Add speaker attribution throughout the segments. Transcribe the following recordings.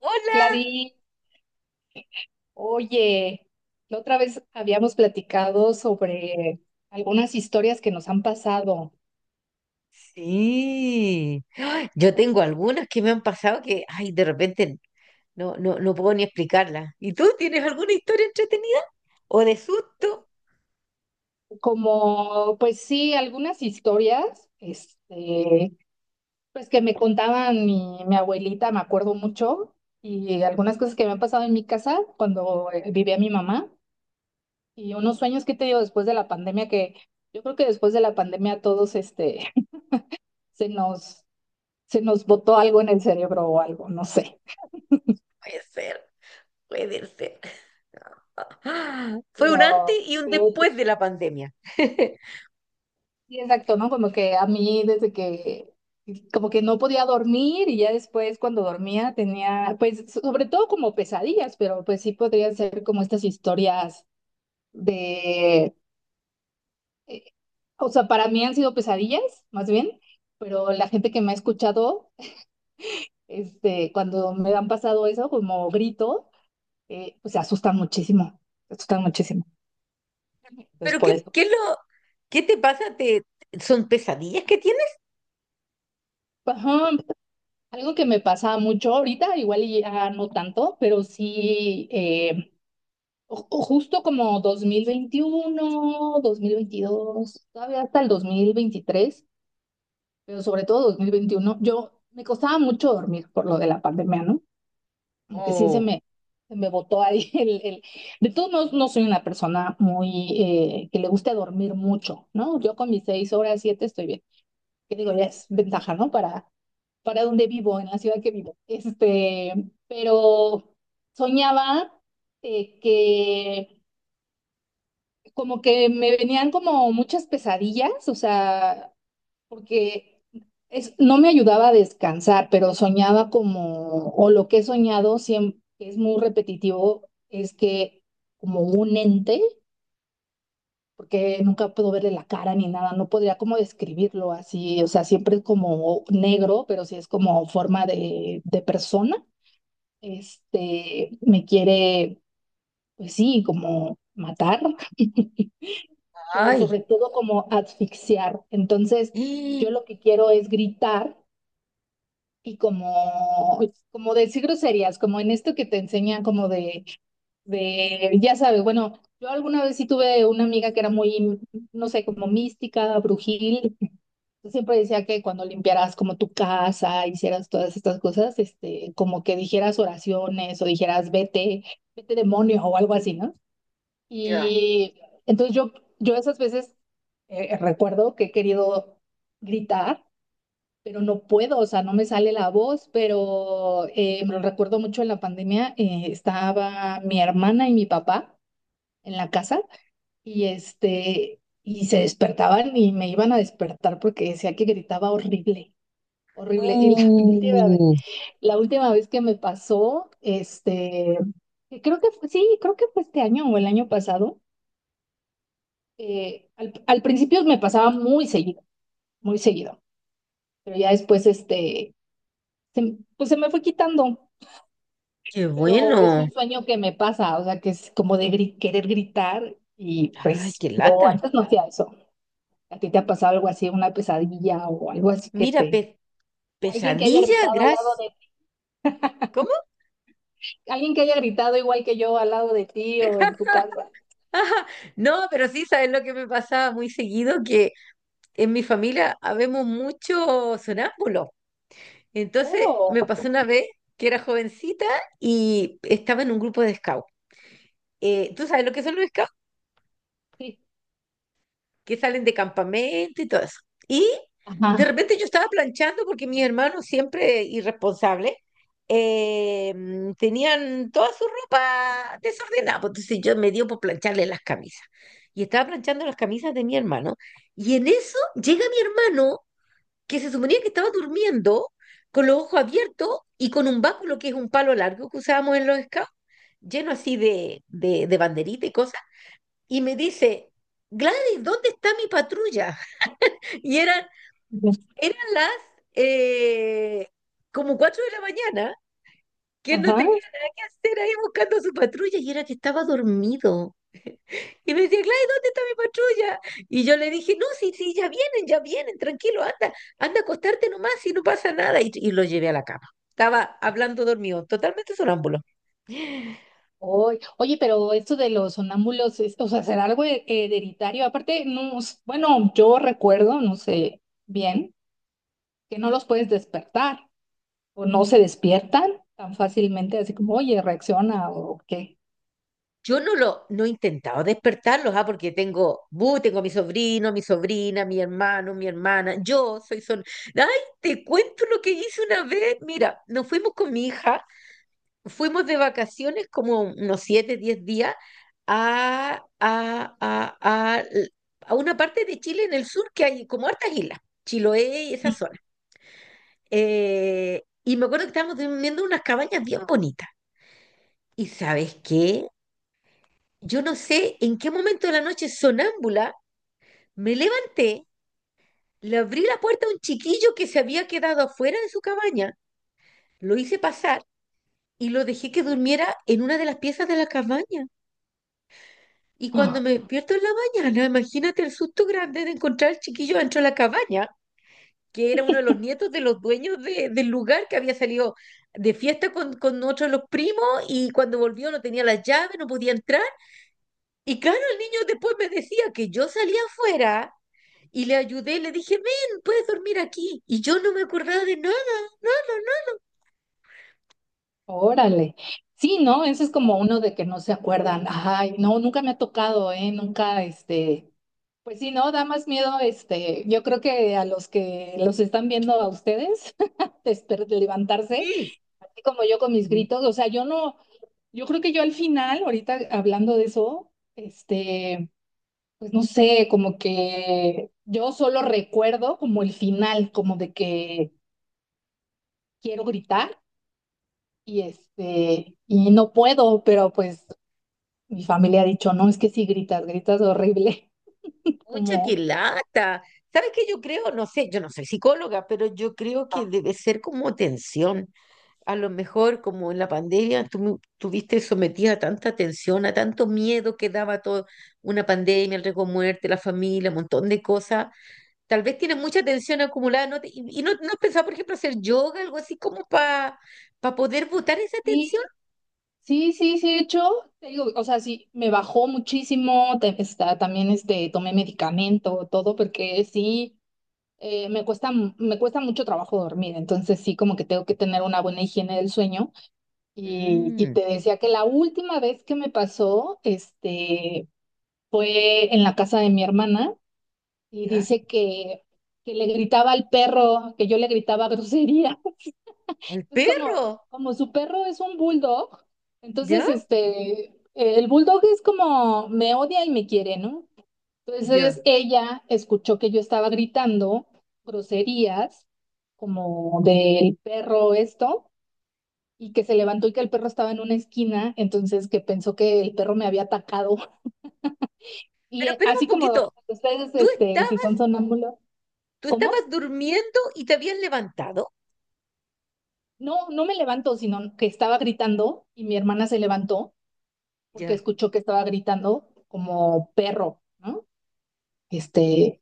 Speaker 1: Hola.
Speaker 2: Clarín, oye, la otra vez habíamos platicado sobre algunas historias que nos han pasado,
Speaker 1: Sí. ¡Ay! Yo tengo algunas que me han pasado que, ay, de repente no puedo ni explicarlas. ¿Y tú tienes alguna historia entretenida? ¿O de susto?
Speaker 2: como, pues sí, algunas historias, pues que me contaban mi abuelita, me acuerdo mucho, y algunas cosas que me han pasado en mi casa cuando vivía mi mamá, y unos sueños que te digo después de la pandemia, que yo creo que después de la pandemia a todos, se nos, se nos botó algo en el cerebro o algo, no sé.
Speaker 1: Puede ser, puede ser. Fue un antes
Speaker 2: Pero,
Speaker 1: y un
Speaker 2: pero
Speaker 1: después de la pandemia.
Speaker 2: sí, exacto, ¿no? Como que a mí desde que, como que no podía dormir, y ya después cuando dormía tenía, pues sobre todo como pesadillas, pero pues sí podrían ser como estas historias de, eh, o sea, para mí han sido pesadillas, más bien, pero la gente que me ha escuchado, cuando me han pasado eso, como grito, pues se asustan muchísimo, se asustan muchísimo. Entonces,
Speaker 1: Pero
Speaker 2: por eso.
Speaker 1: qué es qué te pasa? ¿Te, son pesadillas que tienes?
Speaker 2: Ajá, algo que me pasa mucho ahorita, igual y ya no tanto, pero sí, justo como 2021, 2022, todavía hasta el 2023, pero sobre todo 2021 yo me costaba mucho dormir por lo de la pandemia, ¿no? Como que sí se
Speaker 1: Oh,
Speaker 2: me, se me botó ahí de todos modos, no soy una persona muy, que le guste dormir mucho, ¿no? Yo con mis 6 horas, siete estoy bien. Que digo, ya es ventaja, ¿no? Para donde vivo, en la ciudad que vivo. Pero soñaba que como que me venían como muchas pesadillas, o sea, porque es, no me ayudaba a descansar, pero soñaba como, o lo que he soñado siempre es muy repetitivo, es que como un ente, porque nunca puedo verle la cara ni nada, no podría como describirlo así, o sea, siempre es como negro, pero sí es como forma de persona. Me quiere, pues sí, como matar, pero
Speaker 1: ay.
Speaker 2: sobre todo como asfixiar. Entonces, yo
Speaker 1: Y
Speaker 2: lo que quiero es gritar y como, como decir groserías, como en esto que te enseñan, como ya sabes, bueno, yo alguna vez sí tuve una amiga que era muy, no sé, como mística, brujil. Yo siempre decía que cuando limpiaras como tu casa, hicieras todas estas cosas, como que dijeras oraciones o dijeras vete, vete demonio o algo así, ¿no?
Speaker 1: ya.
Speaker 2: Y entonces yo esas veces recuerdo que he querido gritar, pero no puedo, o sea, no me sale la voz, pero me lo recuerdo mucho en la pandemia, estaba mi hermana y mi papá en la casa, y y se despertaban y me iban a despertar porque decía que gritaba horrible. Horrible. Y la
Speaker 1: Uh,
Speaker 2: la última vez que me pasó, que creo que fue, sí, creo que fue este año o el año pasado. Al al, principio me pasaba muy seguido, pero ya después, pues se me fue quitando,
Speaker 1: qué
Speaker 2: pero es
Speaker 1: bueno.
Speaker 2: un sueño que me pasa, o sea, que es como de querer gritar, y
Speaker 1: Ay,
Speaker 2: pues
Speaker 1: qué
Speaker 2: yo
Speaker 1: lata.
Speaker 2: antes no hacía eso. ¿A ti te ha pasado algo así, una pesadilla o algo así que
Speaker 1: Mira,
Speaker 2: te,
Speaker 1: pe-
Speaker 2: o alguien que haya
Speaker 1: Pesadilla,
Speaker 2: gritado al lado?
Speaker 1: gracias. ¿Cómo?
Speaker 2: Alguien que haya gritado igual que yo al lado de ti o en tu casa.
Speaker 1: Ajá. No, pero sí, ¿sabes lo que me pasaba muy seguido? Que en mi familia habemos muchos sonámbulos. Entonces
Speaker 2: Oh,
Speaker 1: me pasó una vez que era jovencita y estaba en un grupo de scout. ¿Tú sabes lo que son los scouts?
Speaker 2: sí.
Speaker 1: Que salen de campamento y todo eso. Y de
Speaker 2: Ajá.
Speaker 1: repente yo estaba planchando porque mis hermanos, siempre irresponsables, tenían toda su ropa desordenada. Pues, entonces yo me dio por plancharle las camisas. Y estaba planchando las camisas de mi hermano. Y en eso llega mi hermano, que se suponía que estaba durmiendo, con los ojos abiertos y con un báculo, que es un palo largo que usábamos en los scouts, lleno así de banderita y cosas, y me dice, Gladys, ¿dónde está mi patrulla? Y eran las eh, como cuatro de la mañana, que él no
Speaker 2: Ajá.
Speaker 1: tenía nada que hacer ahí buscando a su patrulla y era que estaba dormido. Y me decía, Gladys, ¿dónde está mi patrulla? Y yo le dije, no, sí, sí, ya vienen, tranquilo, anda, anda a acostarte nomás y no pasa nada. Y lo llevé a la cama. Estaba hablando dormido, totalmente sonámbulo.
Speaker 2: Oye, pero esto de los sonámbulos, o sea, será algo hereditario. Aparte, no, bueno, yo recuerdo, no sé bien, que no los puedes despertar o no se despiertan tan fácilmente, así como, oye, reacciona o qué.
Speaker 1: Yo no lo, No he intentado despertarlos, porque tengo, bu, tengo mi sobrino, mi sobrina, mi hermano, mi hermana, yo soy son. Ay, te cuento lo que hice una vez. Mira, nos fuimos con mi hija, fuimos de vacaciones como unos siete, diez días a, a, a, a, a una parte de Chile en el sur que hay como hartas islas, Chiloé y esa
Speaker 2: Mm.
Speaker 1: zona. Y me acuerdo que estábamos durmiendo en unas cabañas bien bonitas. ¿Y sabes qué? Yo no sé en qué momento de la noche sonámbula me levanté, le abrí la puerta a un chiquillo que se había quedado afuera de su cabaña, lo hice pasar y lo dejé que durmiera en una de las piezas de la cabaña. Y cuando
Speaker 2: Ah,
Speaker 1: me despierto en la mañana, imagínate el susto grande de encontrar al chiquillo dentro de la cabaña, que era uno de los nietos de los dueños del lugar que había salido de fiesta con otro de los primos y cuando volvió no tenía las llaves, no podía entrar. Y claro, el niño después me decía que yo salía afuera y le ayudé y le dije, ven, puedes dormir aquí. Y yo no me acordaba de nada.
Speaker 2: órale. Sí, ¿no? Ese es como uno de que no se acuerdan. Ay, no, nunca me ha tocado, ¿eh? Nunca, pues sí, no, da más miedo, yo creo que a los que los están viendo a ustedes de levantarse,
Speaker 1: Sí.
Speaker 2: así como yo con mis gritos, o sea, yo no, yo creo que yo al final, ahorita hablando de eso, pues no sé, como que yo solo recuerdo como el final, como de que quiero gritar, y y no puedo, pero pues mi familia ha dicho, no, es que si gritas, gritas horrible,
Speaker 1: Mucha que
Speaker 2: como...
Speaker 1: lata. ¿Sabes qué yo creo? No sé, yo no soy psicóloga, pero yo creo que debe ser como tensión. A lo mejor como en la pandemia tú tuviste sometida a tanta tensión, a tanto miedo que daba todo, una pandemia, el riesgo de muerte, la familia, un montón de cosas. Tal vez tienes mucha tensión acumulada, ¿no? Y, y no has pensado, por ejemplo, hacer yoga, algo así como para poder botar esa tensión.
Speaker 2: Sí, sí, sí, de hecho, te digo, o sea, sí, me bajó muchísimo, está, también tomé medicamento, todo, porque sí, me cuesta, me cuesta mucho trabajo dormir, entonces sí, como que tengo que tener una buena higiene del sueño. Y
Speaker 1: Mm,
Speaker 2: te decía que la última vez que me pasó, fue en la casa de mi hermana, y
Speaker 1: ¿ya?
Speaker 2: dice que le gritaba al perro, que yo le gritaba grosería.
Speaker 1: ¿Al
Speaker 2: Es como,
Speaker 1: perro?
Speaker 2: como su perro es un bulldog,
Speaker 1: ¿Ya?
Speaker 2: entonces el bulldog es como me odia y me quiere, ¿no?
Speaker 1: Ya.
Speaker 2: Entonces ella escuchó que yo estaba gritando groserías como del perro esto, y que se levantó y que el perro estaba en una esquina, entonces que pensó que el perro me había atacado. Y
Speaker 1: Pero espérame un
Speaker 2: así como
Speaker 1: poquito.
Speaker 2: ustedes,
Speaker 1: ¿Tú
Speaker 2: si
Speaker 1: estabas,
Speaker 2: son sonámbulos.
Speaker 1: tú estabas
Speaker 2: ¿Cómo?
Speaker 1: durmiendo y te habías levantado?
Speaker 2: No, no me levanto, sino que estaba gritando y mi hermana se levantó porque
Speaker 1: Ya.
Speaker 2: escuchó que estaba gritando como perro, ¿no? Este,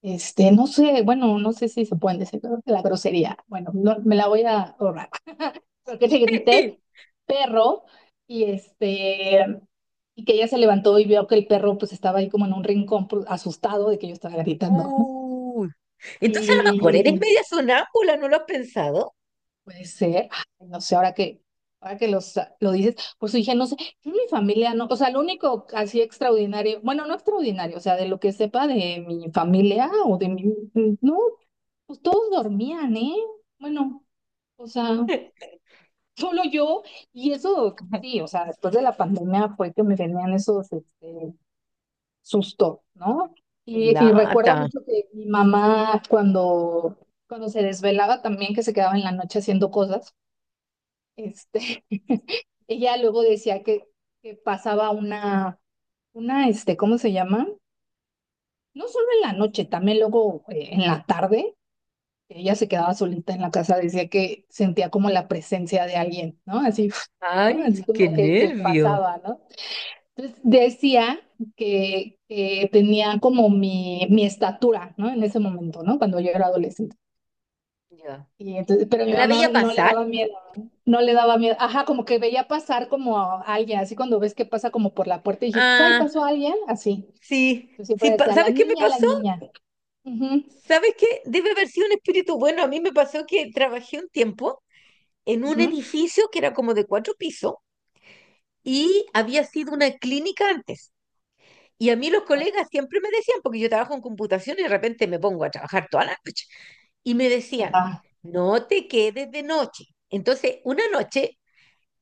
Speaker 2: no sé, bueno, no sé si se pueden decir, creo que la grosería. Bueno, me la voy a ahorrar. Porque que le grité perro, y y que ella se levantó y vio que el perro pues estaba ahí como en un rincón pues, asustado de que yo estaba gritando, ¿no?
Speaker 1: Uy. Entonces a lo mejor eres
Speaker 2: Y
Speaker 1: media sonámbula, ¿no lo has pensado?
Speaker 2: puede ser, ay, no sé, ahora que los, lo dices, pues dije, no sé, yo en mi familia no, o sea, lo único así extraordinario, bueno, no extraordinario, o sea, de lo que sepa de mi familia o de mi, no, pues todos dormían, ¿eh? Bueno, o sea, solo yo, y eso, sí, o sea, después de la pandemia fue que me venían esos, sustos, ¿no? Y recuerdo
Speaker 1: Lata.
Speaker 2: mucho que mi mamá cuando se desvelaba también, que se quedaba en la noche haciendo cosas, este... ella luego decía que pasaba una, ¿cómo se llama? No solo en la noche, también luego en la tarde, ella se quedaba solita en la casa, decía que sentía como la presencia de alguien, ¿no? Así, ¿no? Así
Speaker 1: Ay, qué
Speaker 2: como que
Speaker 1: nervio.
Speaker 2: pasaba, ¿no? Entonces decía que tenía como mi estatura, ¿no? En ese momento, ¿no? Cuando yo era adolescente.
Speaker 1: Ya.
Speaker 2: Y entonces, pero mi
Speaker 1: ¿La
Speaker 2: mamá
Speaker 1: veía
Speaker 2: no le
Speaker 1: pasar?
Speaker 2: daba miedo, ¿no? No le daba miedo. Ajá, como que veía pasar como a alguien, así cuando ves que pasa como por la puerta y dijiste, ay,
Speaker 1: Ah,
Speaker 2: pasó alguien, así.
Speaker 1: sí.
Speaker 2: Yo siempre decía, la
Speaker 1: ¿Sabes qué me
Speaker 2: niña, la
Speaker 1: pasó?
Speaker 2: niña. Ujú,
Speaker 1: ¿Sabes qué? Debe haber sido un espíritu bueno. A mí me pasó que trabajé un tiempo en un
Speaker 2: ujú.
Speaker 1: edificio que era como de cuatro pisos. Y había sido una clínica antes. Y a mí los colegas siempre me decían, porque yo trabajo en computación y de repente me pongo a trabajar toda la noche, y me decían,
Speaker 2: Ajá,
Speaker 1: no te quedes de noche. Entonces, una noche,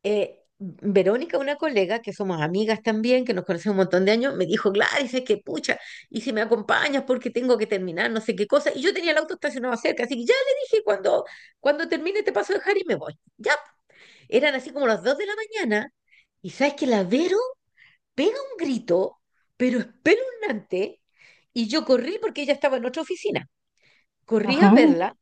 Speaker 1: Verónica, una colega, que somos amigas también, que nos conocemos un montón de años, me dijo, Gladys, es que pucha, y si me acompañas porque tengo que terminar, no sé qué cosa, y yo tenía el auto estacionado cerca, así que ya le dije, cuando termine te paso a dejar y me voy. Ya, eran así como las dos de la mañana, y sabes que la Vero pega un grito, pero espeluznante, y yo corrí porque ella estaba en otra oficina. Corrí a
Speaker 2: ajá,
Speaker 1: verla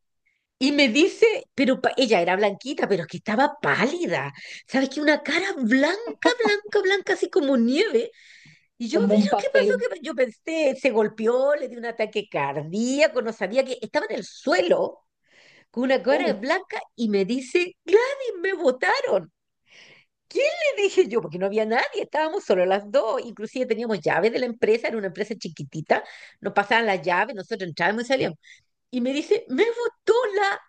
Speaker 1: y me dice, ella era blanquita, pero es que estaba pálida. ¿Sabes qué? Una cara blanca, blanca, blanca, así como nieve. Y yo,
Speaker 2: como un
Speaker 1: pero ¿qué pasó?
Speaker 2: papel.
Speaker 1: ¿Qué pasó? Yo pensé, se golpeó, le dio un ataque cardíaco, no sabía que estaba en el suelo con una cara
Speaker 2: Oh.
Speaker 1: blanca y me dice, Gladys, me botaron. ¿Quién le dije yo? Porque no había nadie, estábamos solo las dos, inclusive teníamos llaves de la empresa, era una empresa chiquitita, nos pasaban las llaves, nosotros entrábamos y salíamos. Y me dice, me botó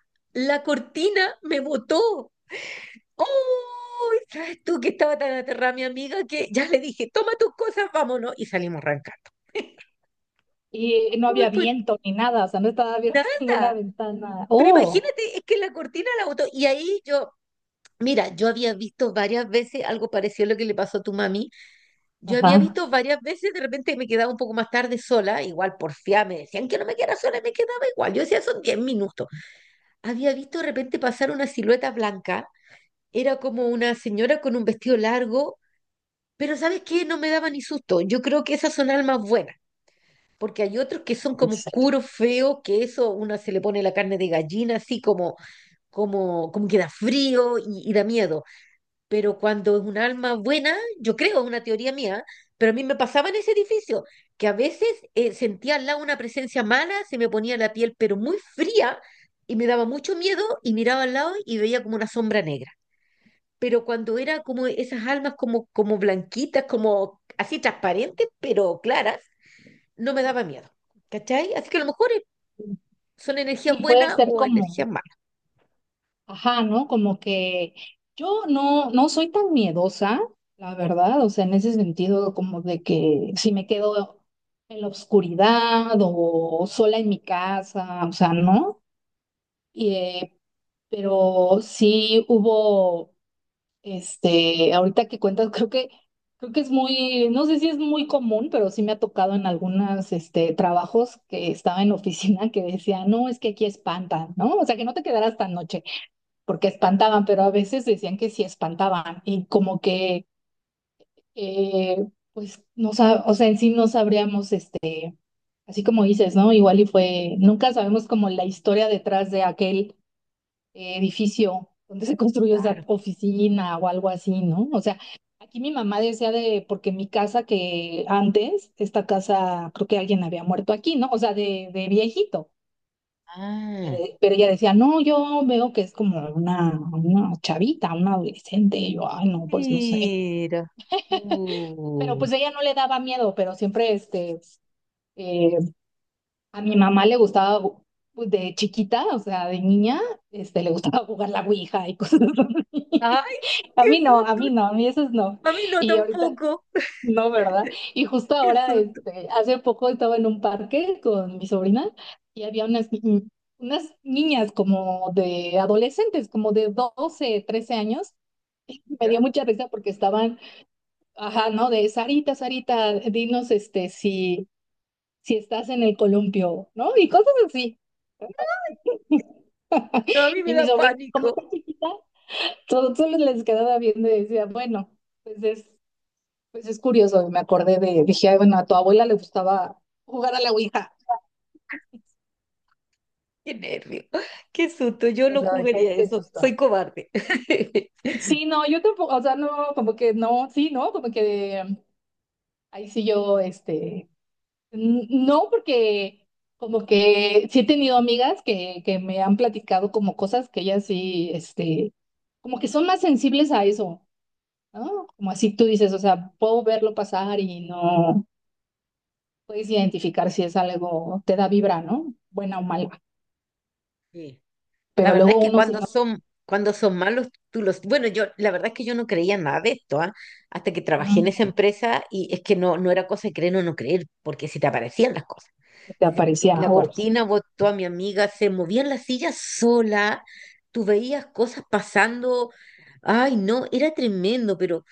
Speaker 1: la cortina, me botó. ¡Oh! ¿Sabes tú que estaba tan aterrada mi amiga que ya le dije, toma tus cosas, vámonos? Y salimos arrancando.
Speaker 2: Y no
Speaker 1: Uy,
Speaker 2: había
Speaker 1: pues,
Speaker 2: viento ni nada, o sea, no estaba abierta ninguna
Speaker 1: nada,
Speaker 2: ventana.
Speaker 1: pero
Speaker 2: Oh,
Speaker 1: imagínate, es que la cortina la botó. Y ahí yo, mira, yo había visto varias veces algo parecido a lo que le pasó a tu mami. Yo había
Speaker 2: ajá.
Speaker 1: visto varias veces, de repente me quedaba un poco más tarde sola, igual porfía, me decían que no me quedara sola y me quedaba igual. Yo decía, son 10 minutos. Había visto de repente pasar una silueta blanca, era como una señora con un vestido largo, pero ¿sabes qué? No me daba ni susto. Yo creo que esas son almas buenas, porque hay otros que son como
Speaker 2: Exacto.
Speaker 1: oscuros, feos, que eso una se le pone la carne de gallina, así como, como que da frío y da miedo, pero cuando es un alma buena, yo creo, es una teoría mía, pero a mí me pasaba en ese edificio, que a veces sentía al lado una presencia mala, se me ponía la piel pero muy fría y me daba mucho miedo y miraba al lado y veía como una sombra negra. Pero cuando era como esas almas como, como blanquitas, como así transparentes, pero claras, no me daba miedo. ¿Cachai? Así que a lo mejor son energías
Speaker 2: Sí, puede
Speaker 1: buenas
Speaker 2: ser
Speaker 1: o
Speaker 2: como,
Speaker 1: energías malas.
Speaker 2: ajá, ¿no? Como que yo no, no soy tan miedosa, la verdad, o sea, en ese sentido, como de que si me quedo en la oscuridad o sola en mi casa, o sea, ¿no? Y, pero sí hubo, ahorita que cuentas, creo que es muy, no sé si es muy común, pero sí me ha tocado en algunos, trabajos que estaba en oficina que decía, no, es que aquí espantan, ¿no? O sea, que no te quedarás tan noche porque espantaban, pero a veces decían que sí espantaban y como que, eh, pues, no sa- o sea, en sí no sabríamos, así como dices, ¿no? Igual y fue, nunca sabemos como la historia detrás de aquel edificio donde se construyó esa
Speaker 1: Claro.
Speaker 2: oficina o algo así, ¿no? O sea, aquí mi mamá decía de, porque mi casa que antes, esta casa, creo que alguien había muerto aquí, ¿no? O sea, de viejito.
Speaker 1: Ah,
Speaker 2: Pero ella decía, no, yo veo que es como una chavita, una adolescente. Y yo, ay, no, pues no sé.
Speaker 1: mira.
Speaker 2: Pero
Speaker 1: Uh,
Speaker 2: pues ella no le daba miedo, pero siempre eh, a mi mamá le gustaba, pues, de chiquita, o sea, de niña, le gustaba jugar la ouija y cosas así.
Speaker 1: Ay,
Speaker 2: A
Speaker 1: qué
Speaker 2: mí no, a
Speaker 1: susto.
Speaker 2: mí no, a mí esos no.
Speaker 1: A mí no
Speaker 2: Y ahorita,
Speaker 1: tampoco.
Speaker 2: no, ¿verdad? Y justo
Speaker 1: Qué
Speaker 2: ahora,
Speaker 1: susto.
Speaker 2: hace poco estaba en un parque con mi sobrina, y había unas, unas niñas como de adolescentes, como de 12 o 13 años. Me
Speaker 1: ¿Ya?
Speaker 2: dio mucha risa porque estaban, ajá, ¿no? De Sarita, Sarita, dinos si, si estás en el columpio, ¿no? Y cosas así.
Speaker 1: No, a mí me
Speaker 2: Y mi
Speaker 1: da
Speaker 2: sobrina, como
Speaker 1: pánico.
Speaker 2: está chiquita, solo les quedaba viendo y decía, bueno, pues es. Pues es curioso, me acordé de, dije, "Ay, bueno, a tu abuela le gustaba jugar a la ouija."
Speaker 1: Qué nervio. Qué susto. Yo
Speaker 2: O
Speaker 1: no
Speaker 2: sea,
Speaker 1: jugaría
Speaker 2: qué
Speaker 1: eso.
Speaker 2: susto.
Speaker 1: Soy cobarde.
Speaker 2: Sí, no, yo tampoco, o sea, no, como que no, sí, no, como que ahí sí yo, no, porque como que sí he tenido amigas que me han platicado como cosas que ellas sí, como que son más sensibles a eso, ¿no? Como así tú dices, o sea, puedo verlo pasar y no puedes identificar si es algo, te da vibra, ¿no? Buena o mala.
Speaker 1: Sí. La
Speaker 2: Pero
Speaker 1: verdad es
Speaker 2: luego
Speaker 1: que
Speaker 2: uno se da
Speaker 1: cuando son malos, tú los... Bueno, yo, la verdad es que yo no creía nada de esto, ¿ah? Hasta que trabajé en
Speaker 2: cuenta que
Speaker 1: esa empresa y es que no, no era cosa de creer o no creer, porque si te aparecían las cosas.
Speaker 2: te aparecía a
Speaker 1: La
Speaker 2: vos.
Speaker 1: cortina, vos, toda mi amiga, se movían las sillas sola, tú veías cosas pasando, ay no, era tremendo,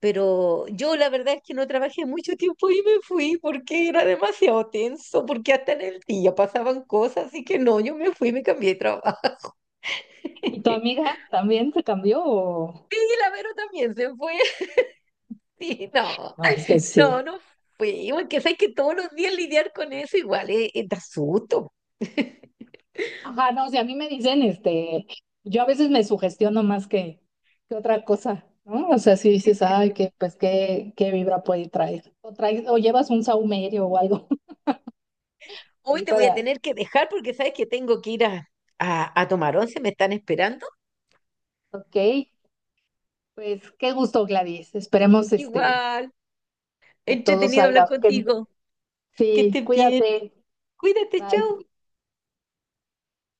Speaker 1: pero yo la verdad es que no trabajé mucho tiempo y me fui porque era demasiado tenso, porque hasta en el día pasaban cosas, así que no, yo me fui, me cambié de trabajo.
Speaker 2: ¿Y tu amiga también se cambió? O
Speaker 1: Y la Vero también se fue, sí,
Speaker 2: no, es que sí.
Speaker 1: no fui, porque sabes que todos los días lidiar con eso igual, da susto.
Speaker 2: Ajá, no, si a mí me dicen, yo a veces me sugestiono más que otra cosa, ¿no? O sea, si dices, ay, que, pues, qué vibra puede traer. O, traes, o llevas un saumerio o algo
Speaker 1: Hoy
Speaker 2: ahí
Speaker 1: te voy a
Speaker 2: para,
Speaker 1: tener que dejar porque sabes que tengo que ir a tomar once, me están esperando.
Speaker 2: ok, pues, qué gusto, Gladys. Esperemos,
Speaker 1: Igual,
Speaker 2: que todo
Speaker 1: entretenido hablar
Speaker 2: salga. Que,
Speaker 1: contigo. Que
Speaker 2: sí,
Speaker 1: estés bien.
Speaker 2: cuídate.
Speaker 1: Cuídate, chao.
Speaker 2: Bye.